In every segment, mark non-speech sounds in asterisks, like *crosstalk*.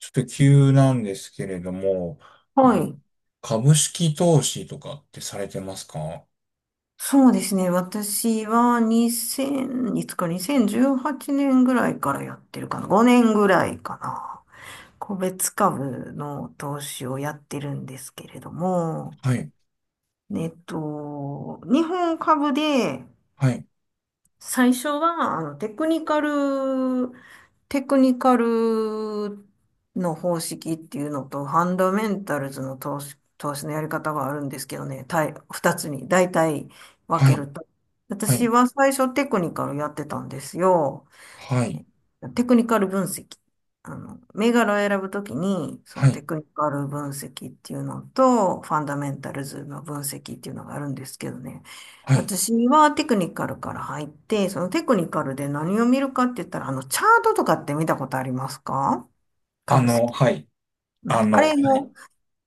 ちょっと急なんですけれども、あはのい。株式投資とかってされてますか？はそうですね。私は2 0いつか2018年ぐらいからやってるかな。5年ぐらいかな。個別株の投資をやってるんですけれども、い、日本株ではい、最初は、テクニカルの方式っていうのと、ファンダメンタルズの投資のやり方があるんですけどね、二つに大体は分けい、ると。は私い、は最初テクニカルやってたんですよ。はい、テクニカル分析。銘柄を選ぶときに、そはのい、テクニカル分析っていうのと、ファンダメンタルズの分析っていうのがあるんですけどね。はい。私はテクニカルから入って、そのテクニカルで何を見るかって言ったら、チャートとかって見たことありますか？株式。はい、うん。ああの、れも、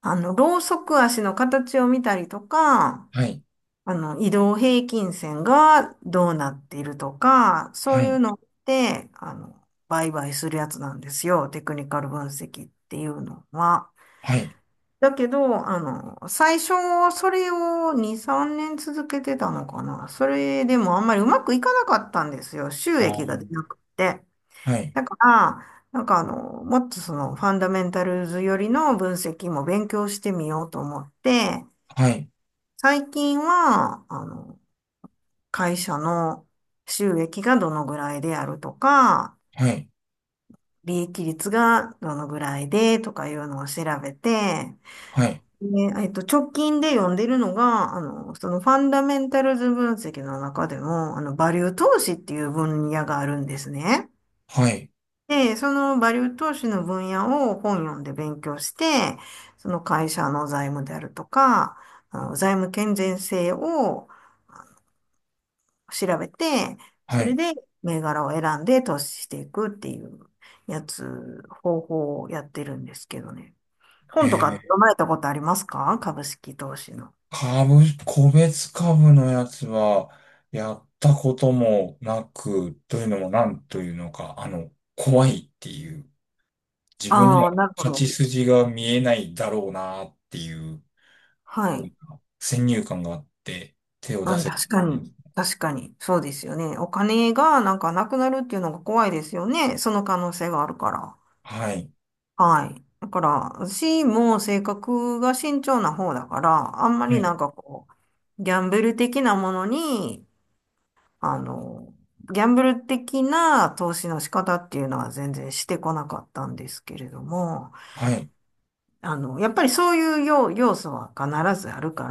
ロウソク足の形を見たりとか、はい、移動平均線がどうなっているとか、そはういうい、のって、売買するやつなんですよ。テクニカル分析っていうのは。はい、だけど、最初、それを2、3年続けてたのかな。それでもあんまりうまくいかなかったんですよ。収あ益が出ーなくて。はい、だから、なんかもっとその、ファンダメンタルズよりの分析も勉強してみようと思って、はい、最近は、会社の収益がどのぐらいであるとか、はい、利益率がどのぐらいでとかいうのを調べて、はい、で、直近で読んでるのが、そのファンダメンタルズ分析の中でも、バリュー投資っていう分野があるんですね。はい、で、そのバリュー投資の分野を本読んで勉強して、その会社の財務であるとか、あの財務健全性を調べて、はそれい。で銘柄を選んで投資していくっていう方法をやってるんですけどね。え本とかってー、読まれたことありますか？株式投資の。個別株のやつは、やったこともなく、というのもなんというのか、怖いっていう。自分にあはあ、なるほ勝ちど。筋が見えないだろうなっていう、はなんい。か先入観があって、手をう出ん、せて確かるんでに。す。確かに。そうですよね。お金がなんかなくなるっていうのが怖いですよね。その可能性があるから。はい。はい。だから、私も性格が慎重な方だから、あんまはりい。なんかこう、あの、ギャンブル的な投資の仕方っていうのは全然してこなかったんですけれども、はい。やっぱりそういう要素は必ずあるか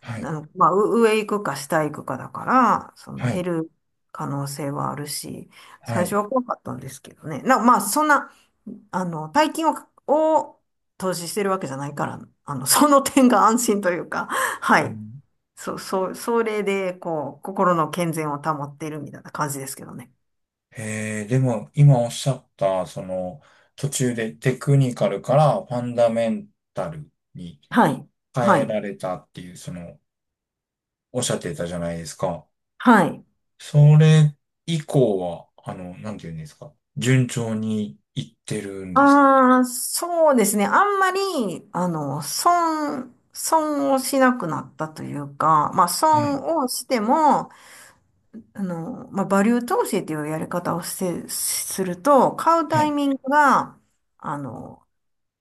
はら、い。まあ、上行くか下行くかだから、そのは減い。る可能性はあるし、は最初い。は怖かったんですけどね。まあ、そんな、大金を、を投資してるわけじゃないから、その点が安心というか、はうい。ん、そう、そう、それで、こう、心の健全を保っているみたいな感じですけどね。でも、今おっしゃった、その、途中でテクニカルからファンダメンタルにはい。は変えい。られたっていう、その、おっしゃってたじゃないですか。はい。それ以降は、なんて言うんですか。順調にいってるんですああ、そうですね。あんまり、損をしなくなったというか、まあ、か？はい。損をしても、まあ、バリュー投資というやり方をして、すると、買うはタイいミングが、あの、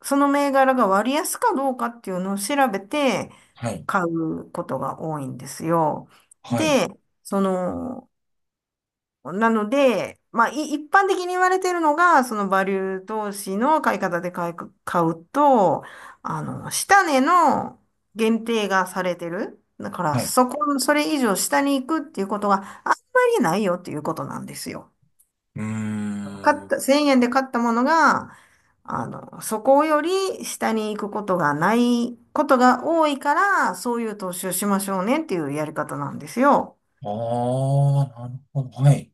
その銘柄が割安かどうかっていうのを調べてはい。買うことが多いんですよ。はい。で、その、なので、まあ、一般的に言われているのが、そのバリュー投資の買い方で買うと、下値の限定がされてる。だから、はい。それ以上下に行くっていうことがあんまりないよっていうことなんですよ。うー買っん。た、1000円で買ったものが、そこより下に行くことがないことが多いから、そういう投資をしましょうねっていうやり方なんですよ。ああ、なるほど。はい。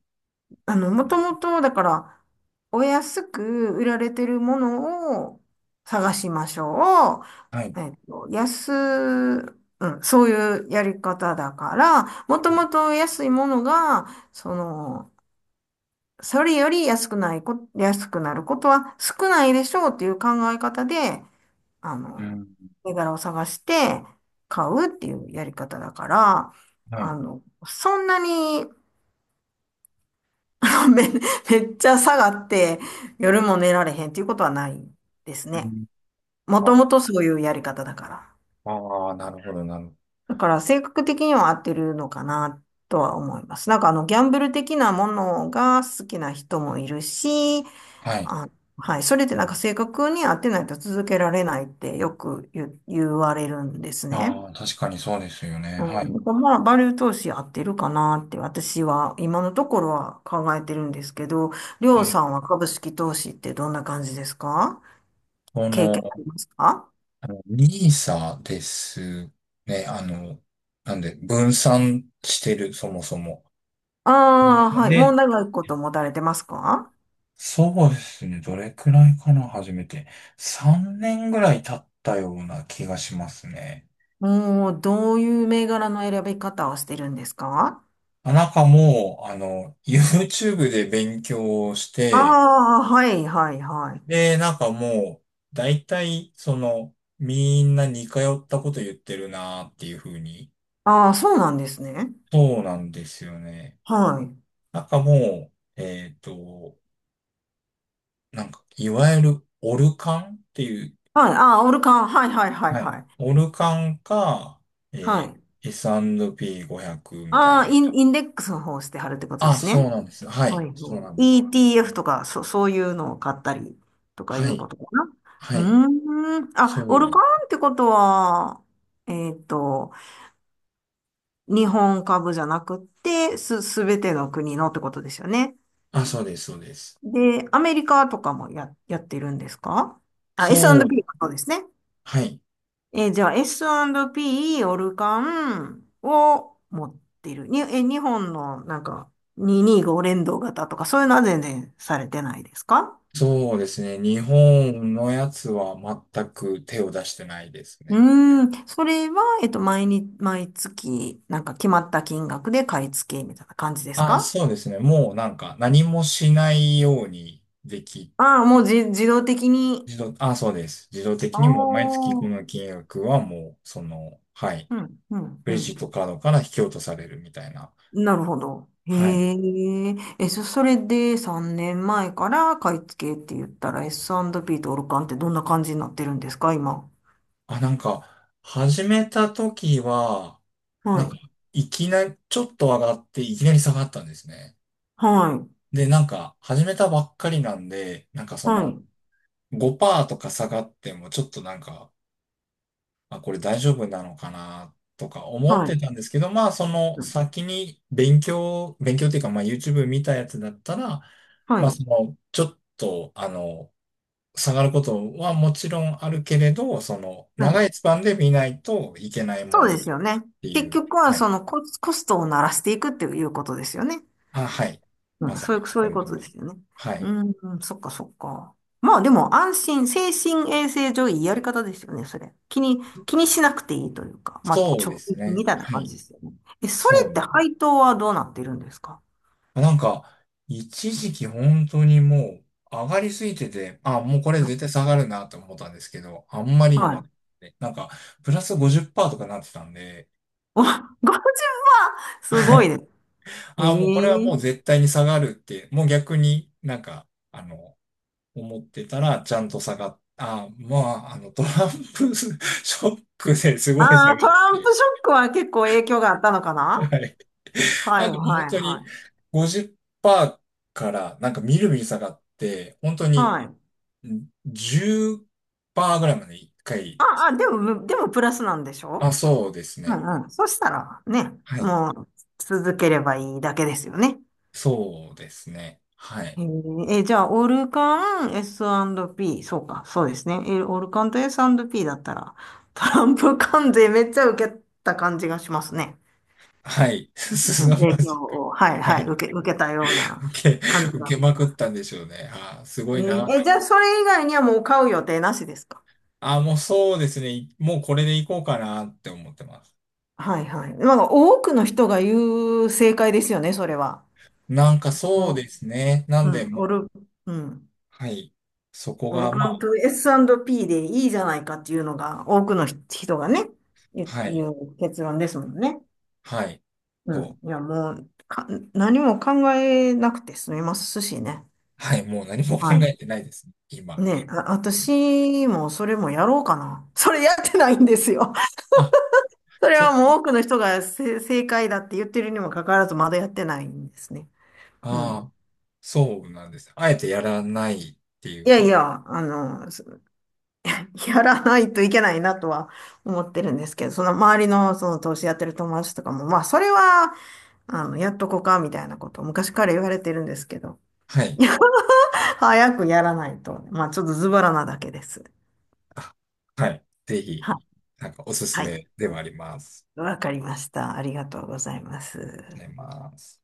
もうんともと、だから、お安く売られてるものを探しましょはい。う。うん、そういうやり方だから、もともと安いものが、その、それより安くなることは少ないでしょうっていう考え方で、あうの、ん。銘柄を探して買うっていうやり方だから、はい。そんなに、めっちゃ下がって夜も寝られへんっていうことはないですうね。んもあともとそういうやり方だから。あー、なるほど、なるほど。だから性格的には合ってるのかなとは思います。なんかギャンブル的なものが好きな人もいるし、はい。あ、はい。それでなんか正確に合ってないと続けられないってよく言われるんですね。ああ、確かにそうですよね。うはい。ん。まあ、バリュー投資合ってるかなって私は今のところは考えてるんですけど、りょうえ、さんは株式投資ってどんな感じですか？こ経験あの、りますか？ニーサですね。なんで、分散してる、そもそも。あニーあー、サはい。もうで、長いこと持たれてますか？そうですね。どれくらいかな、初めて。3年ぐらい経ったような気がしますね。もう、どういう銘柄の選び方をしてるんですか？あなんかもう、YouTube で勉強をしあて、あー、はい、はい、はい。で、なんかもう、大体、その、みんな似通ったこと言ってるなーっていう風に。ああ、そうなんですね。そうなんですよね。はい。なんかもう、なんか、いわゆる、オルカンっていう、はい。ああ、オルカン。はいはいはいはい。はい。オルカンか、はい。S&P500 みたいああ、な。インデックスの方をしてはるってことであ、すそうね。なんです。ははい。い。はい そうなんです。ETF とか、そういうのを買ったりとかいはうい。ことかな。はうい。ーん。そあ、オうルでカンす。ってことは、えっと、日本株じゃなくって、すべての国のってことですよね。あ、そうです、そうです。で、アメリカとかもやってるんですか？あ、そ S&P うもそうですね。はい。じゃあ S&P オルカンを持ってる。に、えー、日本のなんか225連動型とかそういうのは全然されてないですか？そうですね。日本のやつは全く手を出してないですうね。ーん、それは、毎月、なんか決まった金額で買い付けみたいな感じですあ、か？そうですね。もうなんか何もしないようにでき、ああー、もう自動的に。あ、そうです。自動あ的にもう毎あ、月この金額はもう、その、はい。うん、うん、クうレジッん。トカードから引き落とされるみたいな。なるほど。へはい。え。それで3年前から買い付けって言ったら S&P とオルカンってどんな感じになってるんですか、今。あ、なんか、始めた時は、はなんか、い。いきなり、ちょっと上がって、いきなり下がったんですね。はい。で、なんか、始めたばっかりなんで、なんかそはの、い。5%とか下がってもちょっとなんか、あ、これ大丈夫なのかなとか思っはてい。たんですけど、まあその先に勉強、勉強っていうかまあ YouTube 見たやつだったら、はまあい。そのちょっと下がることはもちろんあるけれど、そのは長い。いスパンで見ないといけないもそんうでだすからよっね。てい結う、局ははそい。のコストを鳴らしていくっていうことですよね。あ、はい。まうん、さそうにいう、そういやうることゃとる通でり。すよね。はい。うん、うんそっかそっか。まあでも安心、精神衛生上いいやり方ですよね、それ。気にしなくていいというか、まあそうで貯金すね。みたいなは感じい。ですよね。え、それそうってです。配当はどうなってるんですか？なんか、一時期本当にもう上がりすぎてて、あ、もうこれうん、絶対下がるなと思ったんですけど、あんまりにはも上がっい。ててなんか、プラス50%とかなってたんで、お、50万すはごいい。ね。へあ、もうこれはえ。もう絶対に下がるって、もう逆になんか、あの、思ってたらちゃんと下がっ、あ、まあ、トランプ *laughs* ショックですごいあ下あ、がトっランて、プショックは結構影響があったのかな？はい。はない、んかもうは本い、当はにい。50%からなんかみるみる下がって、本当にはい。10%ぐらいまで一回。ああ、でも、でもプラスなんでしあ、ょそうですう？ね。ん、うん。そしたらね、はい。もう続ければいいだけですよね。そうですね。はい。じゃあ、オルカン、S&P、そうか、そうですね。オルカンと S&P だったら、トランプ関税めっちゃ受けた感じがしますね。はい。*laughs* すうさん、ま影響じを、はいい。ははい、い。受けたような受け、感じが受しけまくっます。たんでしょうね。あー、すごいなって。じゃあ、それ以外にはもう買う予定なしですか？あ、もうそうですね。もうこれでいこうかなって思ってます。はいはい。なんか多くの人が言う正解ですよね、それは。なんかそうお、ですね。なんうでん、もう、うん。はい。そこオルが、まカあ、ンと S&P でいいじゃないかっていうのが多くの人がね、言うはい。言う結論ですもんね。はい。うん。と、いや、もうか、何も考えなくて済みますしね。はい。もう何も考はえい。てないですね。今。ねえ、あ、私もそれもやろうかな。*laughs* それやってないんですよ。あ、*laughs* それそはっもち。う多くの人が正解だって言ってるにもかかわらずまだやってないんですね。うん。ああ。そうなんです。あえてやらないっていいうやこいと。や、やらないといけないなとは思ってるんですけど、その周りのその投資やってる友達とかも、まあそれは、やっとこうかみたいなことを昔から言われてるんですけど、はい。*laughs* 早くやらないと、まあちょっとズボラなだけです。あ、はい。ぜひ、は、なんかおすすはい、めではあります。わかりました。ありがとうございまあす。ります。